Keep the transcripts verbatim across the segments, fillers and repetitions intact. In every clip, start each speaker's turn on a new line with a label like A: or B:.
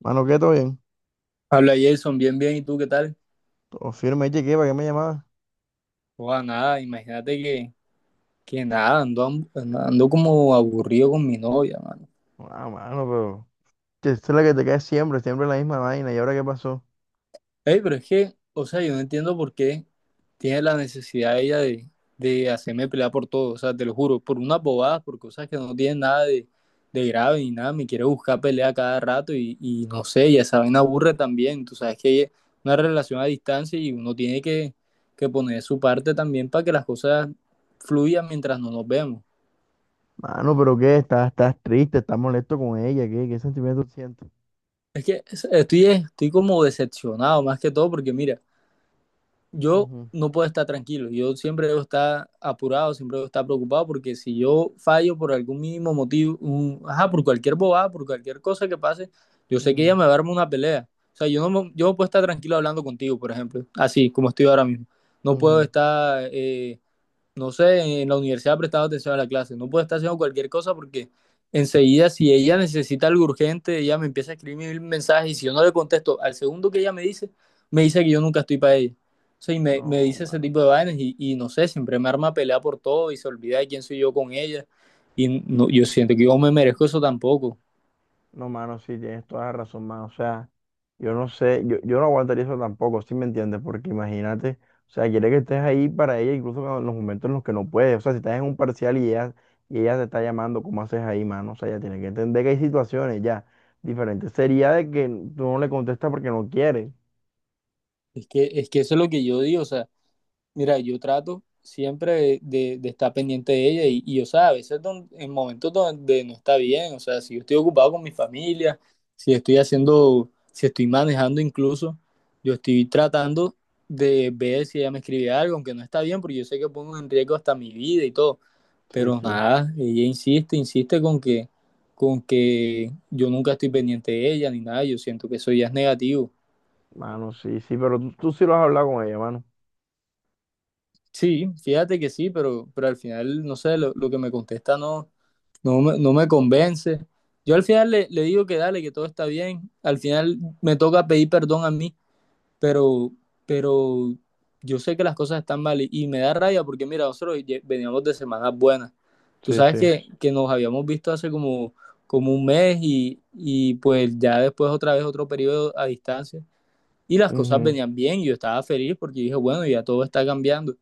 A: Mano, ¿qué? ¿Todo bien?
B: Habla Jason, bien, bien, ¿y tú qué tal?
A: Todo firme. Oye, ¿qué? ¿Para qué me llamabas?
B: Joda, nada, imagínate que, que nada, ando, am- ando como aburrido con mi novia, mano.
A: Ah, mano, pero. Que esta es la que te cae siempre, siempre la misma vaina. ¿Y ahora qué pasó?
B: Ey, pero es que, o sea, yo no entiendo por qué tiene la necesidad ella de, de hacerme pelear por todo, o sea, te lo juro, por unas bobadas, por cosas que no tienen nada de, de grave ni nada, me quiere buscar pelea cada rato y, y no sé, ya saben, aburre también, tú sabes que es una relación a distancia y uno tiene que, que poner su parte también para que las cosas fluyan mientras no nos vemos.
A: Mano, ¿pero qué? ¿Estás, estás triste? ¿Estás molesto con ella? ¿Qué, qué sentimiento sientes?
B: Es que es- estoy, estoy como decepcionado más que todo porque mira, yo
A: Ujú,
B: no puedo estar tranquilo, yo siempre debo estar apurado, siempre debo estar preocupado porque si yo fallo por algún mínimo motivo, un- ajá, por cualquier bobada, por cualquier cosa que pase, yo sé que ella
A: ujú,
B: me va a armar una pelea. O sea, yo no, me- yo no puedo estar tranquilo hablando contigo, por ejemplo, así como estoy ahora mismo. No puedo
A: ujú.
B: estar eh, no sé, en la universidad prestado atención a la clase. No puedo estar haciendo cualquier cosa porque enseguida, si ella necesita algo urgente, ella me empieza a escribir mensajes y si yo no le contesto al segundo que ella me dice, me dice que yo nunca estoy para ella. O sea, y me, me
A: No,
B: dice ese
A: mano.
B: tipo de vainas y, y no sé, siempre me arma pelea por todo y se olvida de quién soy yo con ella. Y no, yo siento que yo me merezco eso tampoco.
A: No, mano, sí, tienes toda la razón, mano. O sea. Yo no sé, yo, yo no aguantaría eso tampoco, ¿si me entiendes? Porque imagínate, o sea, quiere que estés ahí para ella incluso cuando- en los momentos en los que no puedes. O sea, si estás en un parcial y ella, y ella te está llamando, ¿cómo haces ahí, mano? O sea, ella tiene que entender que hay situaciones ya diferentes. Sería de que tú no le contestas porque no quieres.
B: Es que, es que eso es lo que yo digo, o sea, mira, yo trato siempre de, de- de estar pendiente de ella y, y, o sea, a veces don- en momentos donde no está bien, o sea, si yo estoy ocupado con mi familia, si estoy haciendo, si estoy manejando incluso, yo estoy tratando de ver si ella me escribe algo, aunque no está bien, porque yo sé que pongo en riesgo hasta mi vida y todo,
A: Sí,
B: pero
A: sí.
B: nada, ella insiste, insiste con que, con que yo nunca estoy pendiente de ella ni nada, yo siento que eso ya es negativo.
A: Mano, sí, sí, pero tú, tú sí lo has hablado con ella, mano.
B: Sí, fíjate que sí, pero, pero al final, no sé, lo, lo que me contesta no, no me, no me convence. Yo al final le, le digo que dale, que todo está bien. Al final me toca pedir perdón a mí, pero, pero yo sé que las cosas están mal y, y me da rabia porque mira, nosotros lle- veníamos de semanas buenas. Tú
A: Sí,
B: sabes
A: sí.
B: que, que nos habíamos visto hace como, como un mes y, y pues ya después otra vez otro periodo a distancia. Y las cosas
A: Ujú.
B: venían bien, y yo estaba feliz porque dije, bueno, ya todo está cambiando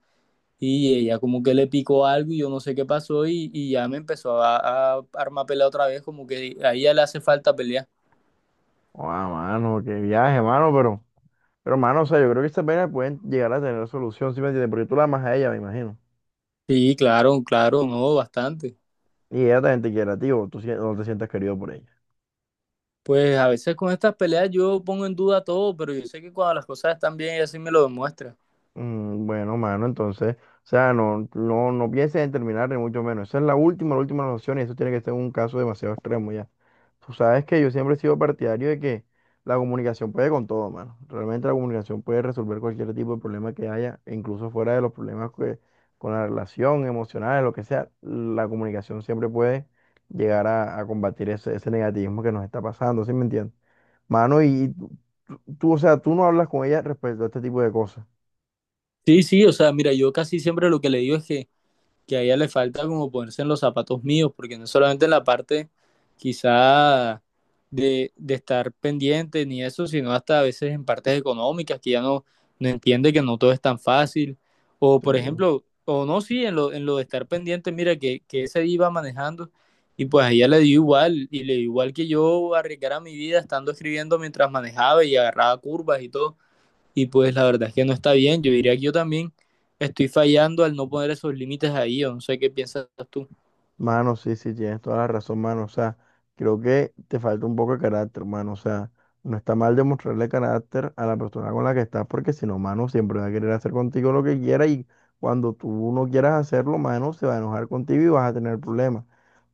B: y ella como que le picó algo y yo no sé qué pasó y, y ya me empezó a, a armar pelea otra vez, como que a ella le hace falta pelear.
A: Ah, mano, qué viaje, mano, pero, pero, mano, o sea, yo creo que estas pena pueden llegar a tener solución, ¿sí me entiendes? Porque tú la amas a ella, me imagino.
B: Sí, claro, claro, no, bastante.
A: Y ella también te quiere a ti o tú sien- o te sientas querido por ella.
B: Pues a veces con estas peleas yo pongo en duda todo, pero yo sé que cuando las cosas están bien ella sí me lo demuestra.
A: Mm, bueno, mano, entonces, o sea, no, no, no pienses en terminar ni mucho menos. Esa es la última, la última opción y eso tiene que ser un caso demasiado extremo ya. Tú sabes que yo siempre he sido partidario de que la comunicación puede con todo, mano. Realmente la comunicación puede resolver cualquier tipo de problema que haya, e incluso fuera de los problemas que- con la relación emocional, lo que sea. La comunicación siempre puede llegar a, a combatir ese, ese negativismo que nos está pasando, ¿sí me entiendes? Mano, y tú, tú- o sea, tú no hablas con ella respecto a este tipo de cosas.
B: Sí, sí, o sea, mira, yo casi siempre lo que le digo es que, que a ella le falta como ponerse en los zapatos míos, porque no es solamente en la parte quizá de, de estar pendiente ni eso, sino hasta a veces en partes económicas que ya no, no entiende que no todo es tan fácil. O
A: Sí.
B: por ejemplo, o no, sí, en lo, en lo de estar pendiente, mira que, que ese día iba manejando y pues a ella le dio igual y le dio igual que yo arriesgara mi vida estando escribiendo mientras manejaba y agarraba curvas y todo. Y pues la verdad es que no está bien. Yo diría que yo también estoy fallando al no poner esos límites ahí. O no sé qué piensas tú.
A: Mano, sí, sí, tienes toda la razón, mano. O sea, creo que te falta un poco de carácter, mano. O sea, no está mal demostrarle carácter a la persona con la que estás, porque si no, mano, siempre va a querer hacer contigo lo que quiera y cuando tú no quieras hacerlo, mano, se va a enojar contigo y vas a tener problemas.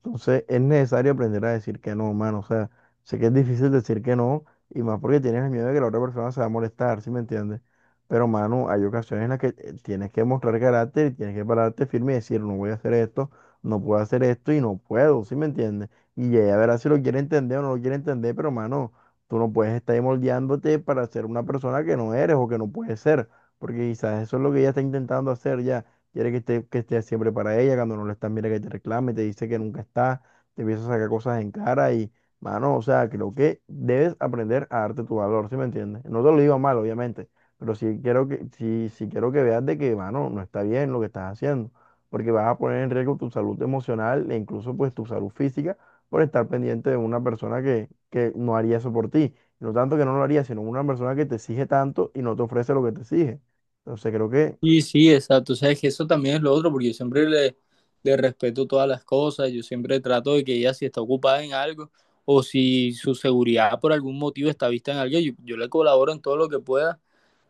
A: Entonces, es necesario aprender a decir que no, mano. O sea, sé que es difícil decir que no y más porque tienes el miedo de que la otra persona se va a molestar, ¿sí me entiendes? Pero, mano, hay ocasiones en las que eh, tienes que mostrar carácter y tienes que pararte firme y decir, no voy a hacer esto, no puedo hacer esto y no puedo, ¿sí me entiendes? Y ella verá si lo quiere entender o no lo quiere entender, pero mano, tú no puedes estar ahí moldeándote para ser una persona que no eres o que no puedes ser, porque quizás eso es lo que ella está intentando hacer ya. Quiere que esté, que estés siempre para ella, cuando no lo estás, mira que te reclame, te dice que nunca está, te empieza a sacar cosas en cara y, mano, o sea, creo que debes aprender a darte tu valor, ¿sí me entiendes? No te lo digo mal, obviamente, pero sí quiero que, sí, sí quiero que veas de que, mano, no está bien lo que estás haciendo porque vas a poner en riesgo tu salud emocional e incluso pues tu salud física por estar pendiente de una persona que, que no haría eso por ti. Y No tanto que no lo haría, sino una persona que te exige tanto y no te ofrece lo que te exige. Entonces creo que
B: Sí, sí, exacto. O sea, es que eso también es lo otro, porque yo siempre le, le respeto todas las cosas, yo siempre trato de que ella si está ocupada en algo o si su seguridad por algún motivo está vista en algo, yo, yo le colaboro en todo lo que pueda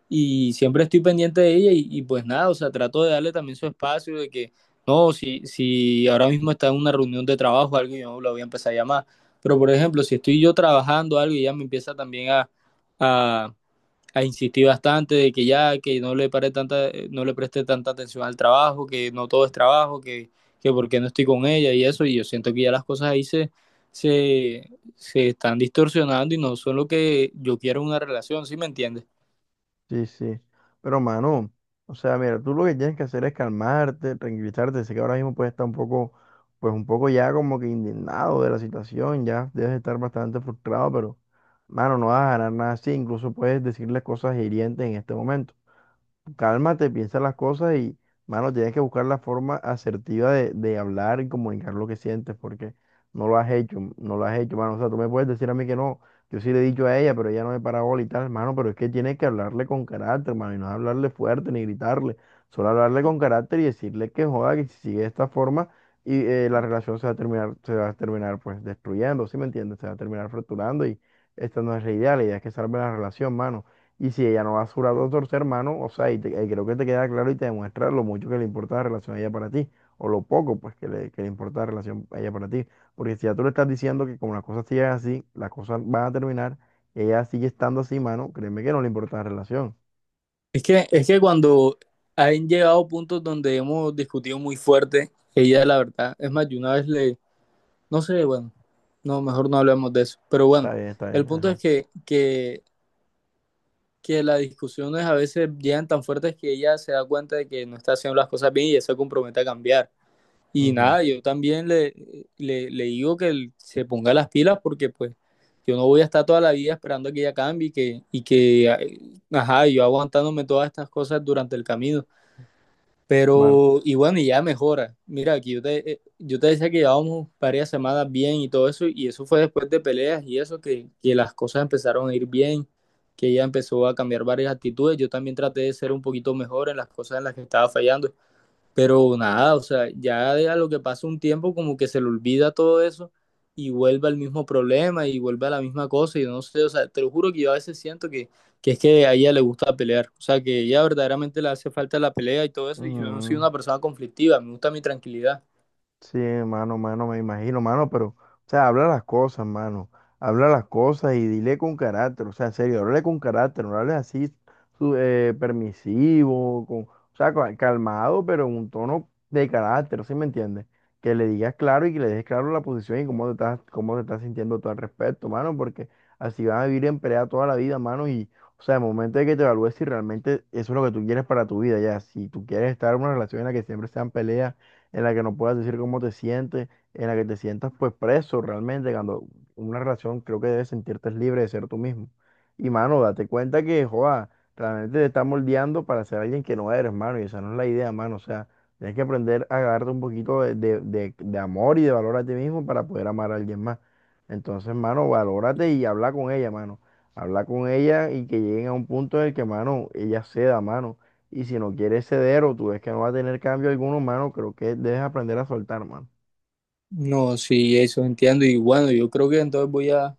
B: y siempre estoy pendiente de ella y, y pues nada, o sea, trato de darle también su espacio de que, no, si, si ahora mismo está en una reunión de trabajo o algo, yo no la voy a empezar a llamar. Pero por ejemplo, si estoy yo trabajando algo y ella me empieza también a... a a insistir bastante de que ya, que no le, pare tanta, no le preste tanta atención al trabajo, que no todo es trabajo, que, que por qué no estoy con ella y eso, y yo siento que ya las cosas ahí se, se, se están distorsionando y no son lo que yo quiero en una relación, ¿sí me entiendes?
A: sí, sí. Pero mano, o sea, mira, tú lo que tienes que hacer es calmarte, tranquilizarte. Sé que ahora mismo puedes estar un poco, pues un poco ya como que indignado de la situación, ya debes estar bastante frustrado, pero mano, no vas a ganar nada así. Incluso puedes decirle cosas hirientes en este momento. Cálmate, piensa las cosas y, mano, tienes que buscar la forma asertiva de, de hablar y comunicar lo que sientes, porque no lo has hecho, no lo has hecho, mano. O sea, tú me puedes decir a mí que no, yo sí le he dicho a ella, pero ella no me para bola y tal, mano, pero es que tienes que hablarle con carácter, mano, y no hablarle fuerte ni gritarle, solo hablarle con carácter y decirle que joda, que si sigue de esta forma y eh, la relación se va a terminar, se va a terminar pues destruyendo, ¿sí me entiendes? Se va a terminar fracturando y esta no es la idea, la idea es que salve la relación, mano. Y si ella no va a su brazo a torcer hermano, o sea, y, te- y creo que te queda claro y te demuestra lo mucho que le importa la relación a ella para ti, o lo poco pues que le, que le importa la relación a ella para ti. Porque si ya tú le estás diciendo que como las cosas siguen así, las cosas van a terminar, ella sigue estando así, mano, créeme que no le importa la relación.
B: Es que, es que cuando han llegado puntos donde hemos discutido muy fuerte, ella la verdad, es más, yo una vez le, no sé, bueno, no, mejor no hablemos de eso, pero bueno,
A: Está bien, está
B: el
A: bien,
B: punto es
A: ajá.
B: que, que que las discusiones a veces llegan tan fuertes que ella se da cuenta de que no está haciendo las cosas bien y ella se compromete a cambiar. Y
A: Ujú.
B: nada, yo también le, le, le digo que se ponga las pilas porque pues yo no voy a estar toda la vida esperando a que ella cambie y que, y que, ajá, yo aguantándome todas estas cosas durante el camino.
A: Bueno.
B: Pero, y bueno, y ya mejora. Mira, aquí yo te, eh, yo te decía que llevábamos varias semanas bien y todo eso, y eso fue después de peleas y eso, que, que las cosas empezaron a ir bien, que ella empezó a cambiar varias actitudes. Yo también traté de ser un poquito mejor en las cosas en las que estaba fallando. Pero nada, o sea, ya de a lo que pasa un tiempo como que se le olvida todo eso y vuelve al mismo problema y vuelve a la misma cosa y no sé, o sea, te lo juro que yo a veces siento que, que es que a ella le gusta pelear, o sea, que ella verdaderamente le hace falta la pelea y todo eso y yo no soy
A: Ujú.
B: una persona conflictiva, me gusta mi tranquilidad.
A: Sí, mano, mano, me imagino, mano, pero, o sea, habla las cosas, mano. Habla las cosas y dile con carácter, o sea, en serio, háblale con carácter, no hables así su- eh, permisivo, con, o sea, ca- calmado, pero en un tono de carácter, ¿sí me entiendes? Que le digas claro y que le dejes claro la posición y cómo te estás, cómo te estás sintiendo tú al respecto, mano, porque así van a vivir en pelea toda la vida, mano, y, o sea, el momento de que te evalúes si realmente eso es lo que tú quieres para tu vida, ya, si tú quieres estar en una relación en la que siempre sean peleas en la que no puedas decir cómo te sientes, en la que te sientas pues preso realmente, cuando una relación creo que debes sentirte libre de ser tú mismo. Y mano, date cuenta que, joa, realmente te estás moldeando para ser alguien que no eres, mano, y esa no es la idea, mano, o sea, tienes que aprender a agarrarte un poquito de, de, de- de amor y de valor a ti mismo para poder amar a alguien más. Entonces, mano, valórate y habla con ella, mano. Habla con ella y que lleguen a un punto en el que, mano, ella ceda, mano. Y si no quieres ceder o tú ves que no va a tener cambio alguno, mano, creo que debes aprender a soltar, mano.
B: No, sí, eso entiendo y bueno, yo creo que entonces voy a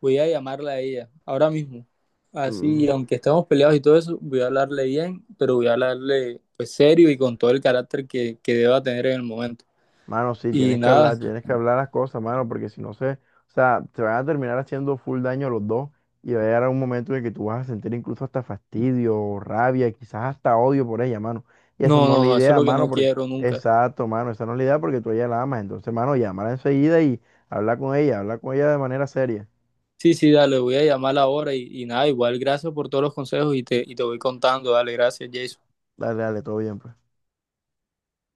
B: voy a llamarla a ella ahora mismo. Así,
A: Mm.
B: aunque estemos peleados y todo eso, voy a hablarle bien, pero voy a hablarle pues serio y con todo el carácter que, que deba tener en el momento.
A: Mano, sí,
B: Y
A: tienes que hablar,
B: nada,
A: tienes que hablar las cosas, mano, porque si no se, o sea, te van a terminar haciendo full daño los dos y va a llegar un momento en el que tú vas a sentir incluso hasta fastidio, rabia, quizás hasta odio por ella, mano. Y esa
B: no,
A: no es
B: no,
A: la
B: no, eso es
A: idea,
B: lo que
A: mano.
B: no
A: Porque,
B: quiero nunca.
A: exacto, mano, esa no es la idea porque tú a ella la amas. Entonces, mano, llámala enseguida y habla con ella, habla con ella de manera seria.
B: Sí, sí, dale, voy a llamar ahora y, y nada, igual gracias por todos los consejos y te, y te voy contando, dale, gracias, Jason.
A: Dale, dale, todo bien. Pues.